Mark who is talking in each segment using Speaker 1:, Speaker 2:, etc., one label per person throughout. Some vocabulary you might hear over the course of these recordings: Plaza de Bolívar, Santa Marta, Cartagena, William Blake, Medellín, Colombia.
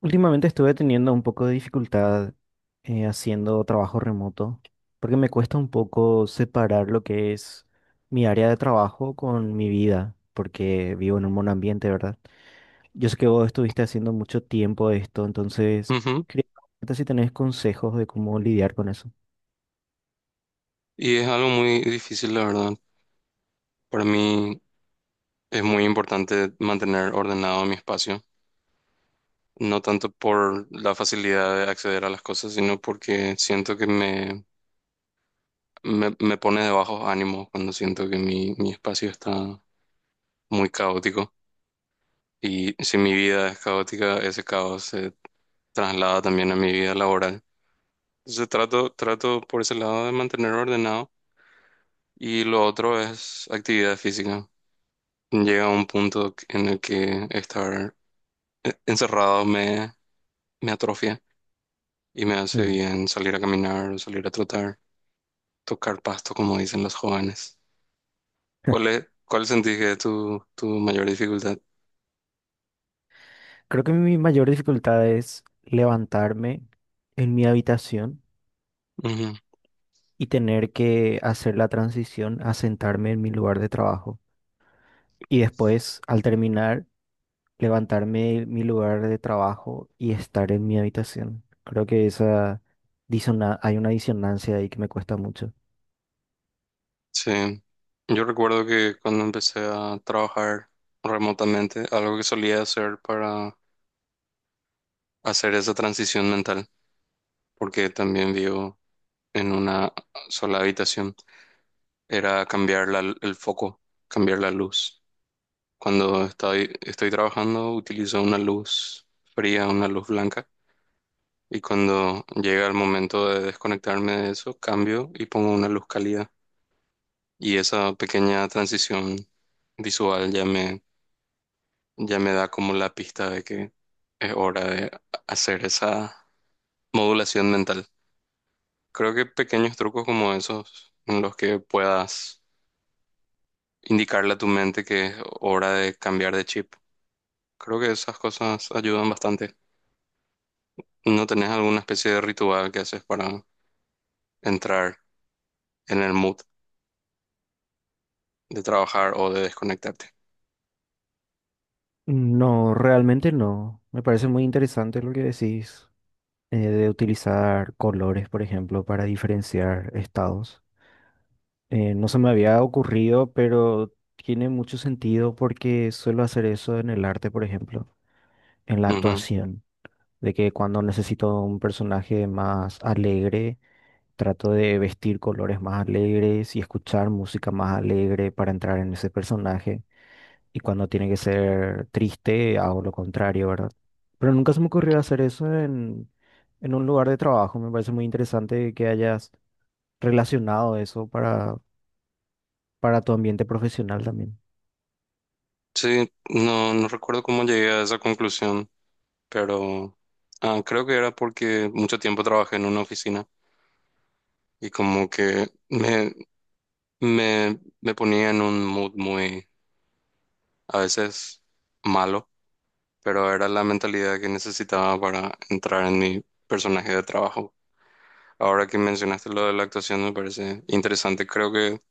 Speaker 1: Últimamente estuve teniendo un poco de dificultad haciendo trabajo remoto, porque me cuesta un poco separar lo que es mi área de trabajo con mi vida, porque vivo en un monoambiente, ¿verdad? Yo sé que vos estuviste haciendo mucho tiempo esto, entonces
Speaker 2: Ujú.
Speaker 1: quería preguntarte si tenés consejos de cómo lidiar con eso.
Speaker 2: Y es algo muy difícil, la verdad. Para mí es muy importante mantener ordenado mi espacio, no tanto por la facilidad de acceder a las cosas, sino porque siento que me pone de bajos ánimos cuando siento que mi espacio está muy caótico. Y si mi vida es caótica, ese caos se traslada también a mi vida laboral. Entonces trato por ese lado de mantener ordenado, y lo otro es actividad física. Llega a un punto en el que estar encerrado me atrofia y me hace
Speaker 1: Mm.
Speaker 2: bien salir a caminar, salir a trotar, tocar pasto, como dicen los jóvenes. ¿Cuál sentís que es tu mayor dificultad?
Speaker 1: Creo que mi mayor dificultad es levantarme en mi habitación
Speaker 2: Ujú.
Speaker 1: y tener que hacer la transición a sentarme en mi lugar de trabajo. Y después, al terminar, levantarme de mi lugar de trabajo y estar en mi habitación. Creo que esa hay una disonancia ahí que me cuesta mucho.
Speaker 2: Sí, yo recuerdo que cuando empecé a trabajar remotamente, algo que solía hacer para hacer esa transición mental, porque también vivo en una sola habitación, era cambiar el foco, cambiar la luz. Cuando estoy trabajando utilizo una luz fría, una luz blanca, y cuando llega el momento de desconectarme de eso, cambio y pongo una luz cálida. Y esa pequeña transición visual ya ya me da como la pista de que es hora de hacer esa modulación mental. Creo que pequeños trucos como esos en los que puedas indicarle a tu mente que es hora de cambiar de chip. Creo que esas cosas ayudan bastante. ¿No tenés alguna especie de ritual que haces para entrar en el mood de trabajar o de desconectarte?
Speaker 1: No, realmente no. Me parece muy interesante lo que decís, de utilizar colores, por ejemplo, para diferenciar estados. No se me había ocurrido, pero tiene mucho sentido porque suelo hacer eso en el arte, por ejemplo, en la
Speaker 2: Ujú.
Speaker 1: actuación, de que cuando necesito un personaje más alegre, trato de vestir colores más alegres y escuchar música más alegre para entrar en ese personaje. Y cuando tiene que ser triste, hago lo contrario, ¿verdad? Pero nunca se me ocurrió hacer eso en un lugar de trabajo. Me parece muy interesante que hayas relacionado eso para tu ambiente profesional también.
Speaker 2: Sí, no no recuerdo cómo llegué a esa conclusión, pero creo que era porque mucho tiempo trabajé en una oficina y como que me ponía en un mood muy, a veces malo, pero era la mentalidad que necesitaba para entrar en mi personaje de trabajo. Ahora que mencionaste lo de la actuación me parece interesante. Creo que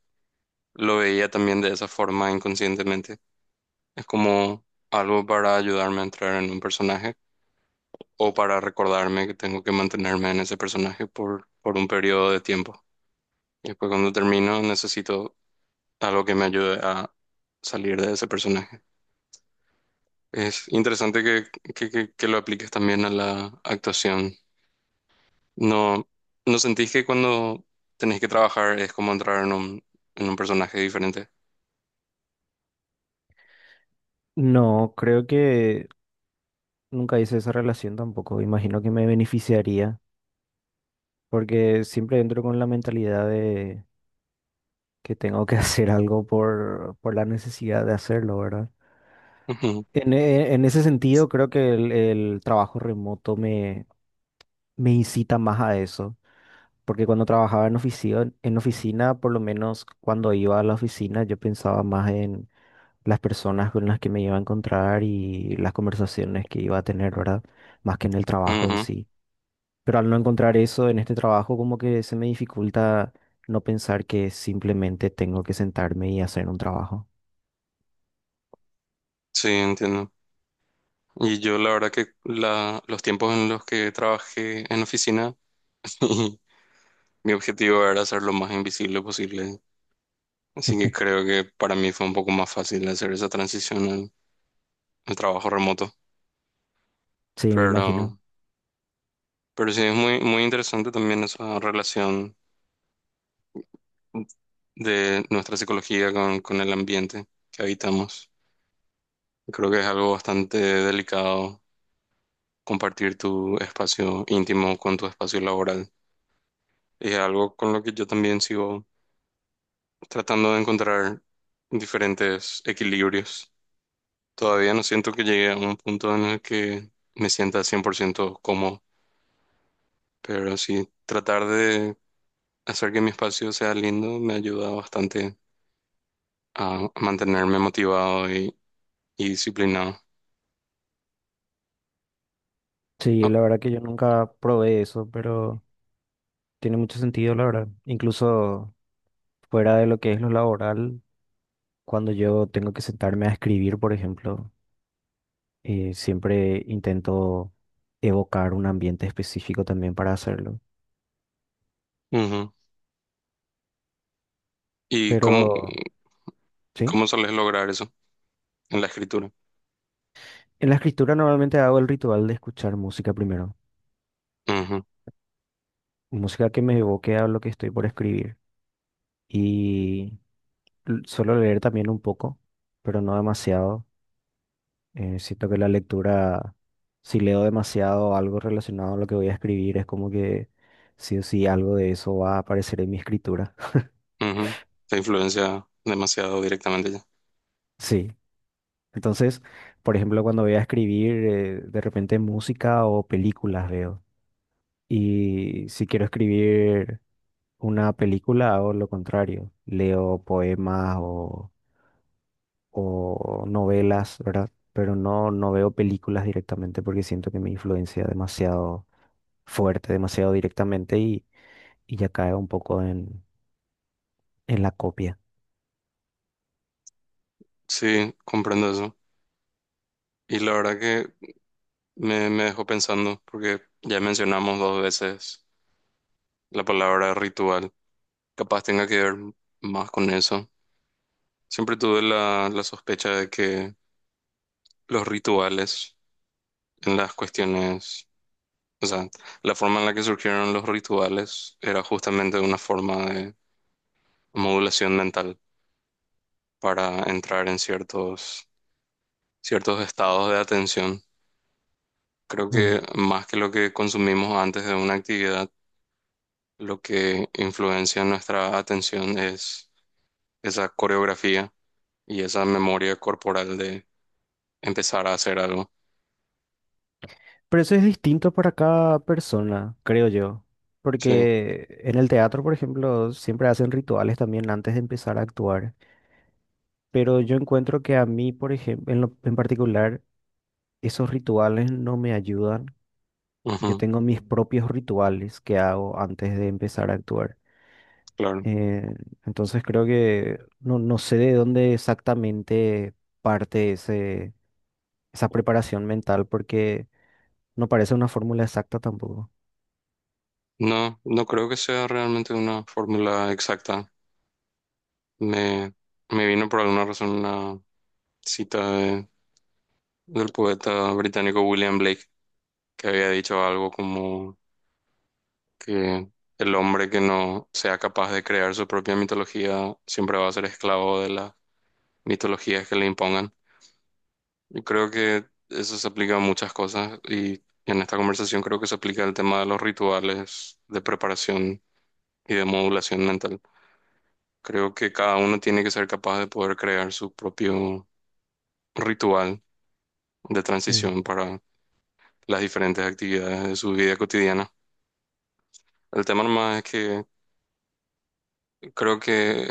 Speaker 2: lo veía también de esa forma inconscientemente. Es como algo para ayudarme a entrar en un personaje o para recordarme que tengo que mantenerme en ese personaje por un periodo de tiempo. Y después cuando termino necesito algo que me ayude a salir de ese personaje. Es interesante que lo apliques también a la actuación. ¿No no sentís que cuando tenés que trabajar es como entrar en en un personaje diferente?
Speaker 1: No, creo que nunca hice esa relación tampoco. Imagino que me beneficiaría porque siempre entro con la mentalidad de que tengo que hacer algo por la necesidad de hacerlo, ¿verdad?
Speaker 2: Ujú,
Speaker 1: En ese sentido, creo que el trabajo remoto me, me incita más a eso, porque cuando trabajaba en oficina, por lo menos cuando iba a la oficina, yo pensaba más en las personas con las que me iba a encontrar y las conversaciones que iba a tener, ¿verdad? Más que en el trabajo en
Speaker 2: ujú.
Speaker 1: sí. Pero al no encontrar eso en este trabajo, como que se me dificulta no pensar que simplemente tengo que sentarme y hacer un trabajo.
Speaker 2: Sí, entiendo. Y yo la verdad que los tiempos en los que trabajé en oficina, mi objetivo era ser lo más invisible posible. Así que creo que para mí fue un poco más fácil hacer esa transición al trabajo remoto.
Speaker 1: Sí, me imagino.
Speaker 2: Pero, pero sí, es muy interesante también esa relación de nuestra psicología con el ambiente que habitamos. Creo que es algo bastante delicado compartir tu espacio íntimo con tu espacio laboral. Es algo con lo que yo también sigo tratando de encontrar diferentes equilibrios. Todavía no siento que llegue a un punto en el que me sienta 100% cómodo, pero sí tratar de hacer que mi espacio sea lindo me ayuda bastante a mantenerme motivado y disciplinado.
Speaker 1: Sí,
Speaker 2: Ah,
Speaker 1: la verdad que yo nunca probé eso, pero tiene mucho sentido, la verdad. Incluso fuera de lo que es lo laboral, cuando yo tengo que sentarme a escribir, por ejemplo, siempre intento evocar un ambiente específico también para hacerlo.
Speaker 2: ujú. ¿Y
Speaker 1: Pero,
Speaker 2: cómo,
Speaker 1: sí,
Speaker 2: cómo sueles lograr eso en la escritura?
Speaker 1: en la escritura normalmente hago el ritual de escuchar música primero.
Speaker 2: Ujú,
Speaker 1: Música que me evoque a lo que estoy por escribir. Y suelo leer también un poco, pero no demasiado. Siento que la lectura, si leo demasiado algo relacionado a lo que voy a escribir, es como que sí o sí algo de eso va a aparecer en mi escritura.
Speaker 2: ujú. Te influencia demasiado directamente ya.
Speaker 1: Sí. Entonces, por ejemplo, cuando voy a escribir, de repente música o películas veo. Y si quiero escribir una película, hago lo contrario. Leo poemas o novelas, ¿verdad? Pero no, no veo películas directamente porque siento que me influencia demasiado fuerte, demasiado directamente y ya cae un poco en la copia.
Speaker 2: Sí, comprendo eso. Y la verdad que me dejó pensando porque ya mencionamos dos veces la palabra ritual. Capaz tenga que ver más con eso. Siempre tuve la sospecha de que los rituales en las cuestiones, o sea, la forma en la que surgieron los rituales era justamente una forma de modulación mental para entrar en ciertos estados de atención. Creo
Speaker 1: Mm.
Speaker 2: que más que lo que consumimos antes de una actividad, lo que influencia nuestra atención es esa coreografía y esa memoria corporal de empezar a hacer algo.
Speaker 1: Pero eso es distinto para cada persona, creo yo.
Speaker 2: Sí,
Speaker 1: Porque en el teatro, por ejemplo, siempre hacen rituales también antes de empezar a actuar. Pero yo encuentro que a mí, por ejemplo, en particular, esos rituales no me ayudan. Yo
Speaker 2: ujú,
Speaker 1: tengo mis propios rituales que hago antes de empezar a actuar.
Speaker 2: claro.
Speaker 1: Eh, entonces creo que no, no sé de dónde exactamente parte ese, esa preparación mental, porque no parece una fórmula exacta tampoco.
Speaker 2: No, no creo que sea realmente una fórmula exacta. Me, me vino por alguna razón una cita del poeta británico William Blake, que había dicho algo como que el hombre que no sea capaz de crear su propia mitología siempre va a ser esclavo de las mitologías que le impongan. Yo creo que eso se aplica a muchas cosas y en esta conversación creo que se aplica el tema de los rituales de preparación y de modulación mental. Creo que cada uno tiene que ser capaz de poder crear su propio ritual de
Speaker 1: Mm.
Speaker 2: transición para las diferentes actividades de su vida cotidiana. El tema nomás es que creo que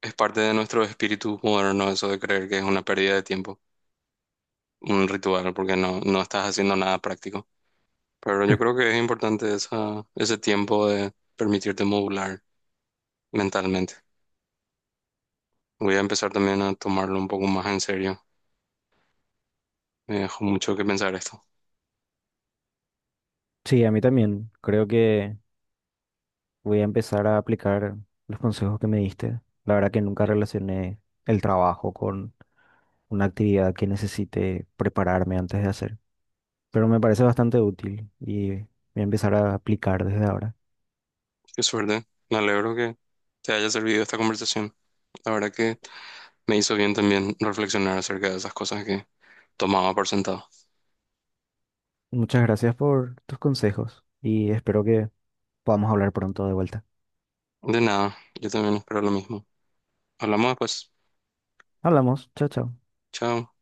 Speaker 2: es parte de nuestro espíritu moderno eso de creer que es una pérdida de tiempo, un ritual, porque no no estás haciendo nada práctico. Pero yo creo que es importante ese tiempo de permitirte modular mentalmente. Voy a empezar también a tomarlo un poco más en serio. Me dejó mucho que pensar esto.
Speaker 1: Sí, a mí también. Creo que voy a empezar a aplicar los consejos que me diste. La verdad que nunca relacioné el trabajo con una actividad que necesite prepararme antes de hacer. Pero me parece bastante útil y voy a empezar a aplicar desde ahora.
Speaker 2: Qué suerte. Me alegro que te haya servido esta conversación. La verdad que me hizo bien también reflexionar acerca de esas cosas que tomaba por sentado.
Speaker 1: Muchas gracias por tus consejos y espero que podamos hablar pronto de vuelta.
Speaker 2: De nada, yo también espero lo mismo. Hablamos después.
Speaker 1: Hablamos. Chao, chao.
Speaker 2: Chao.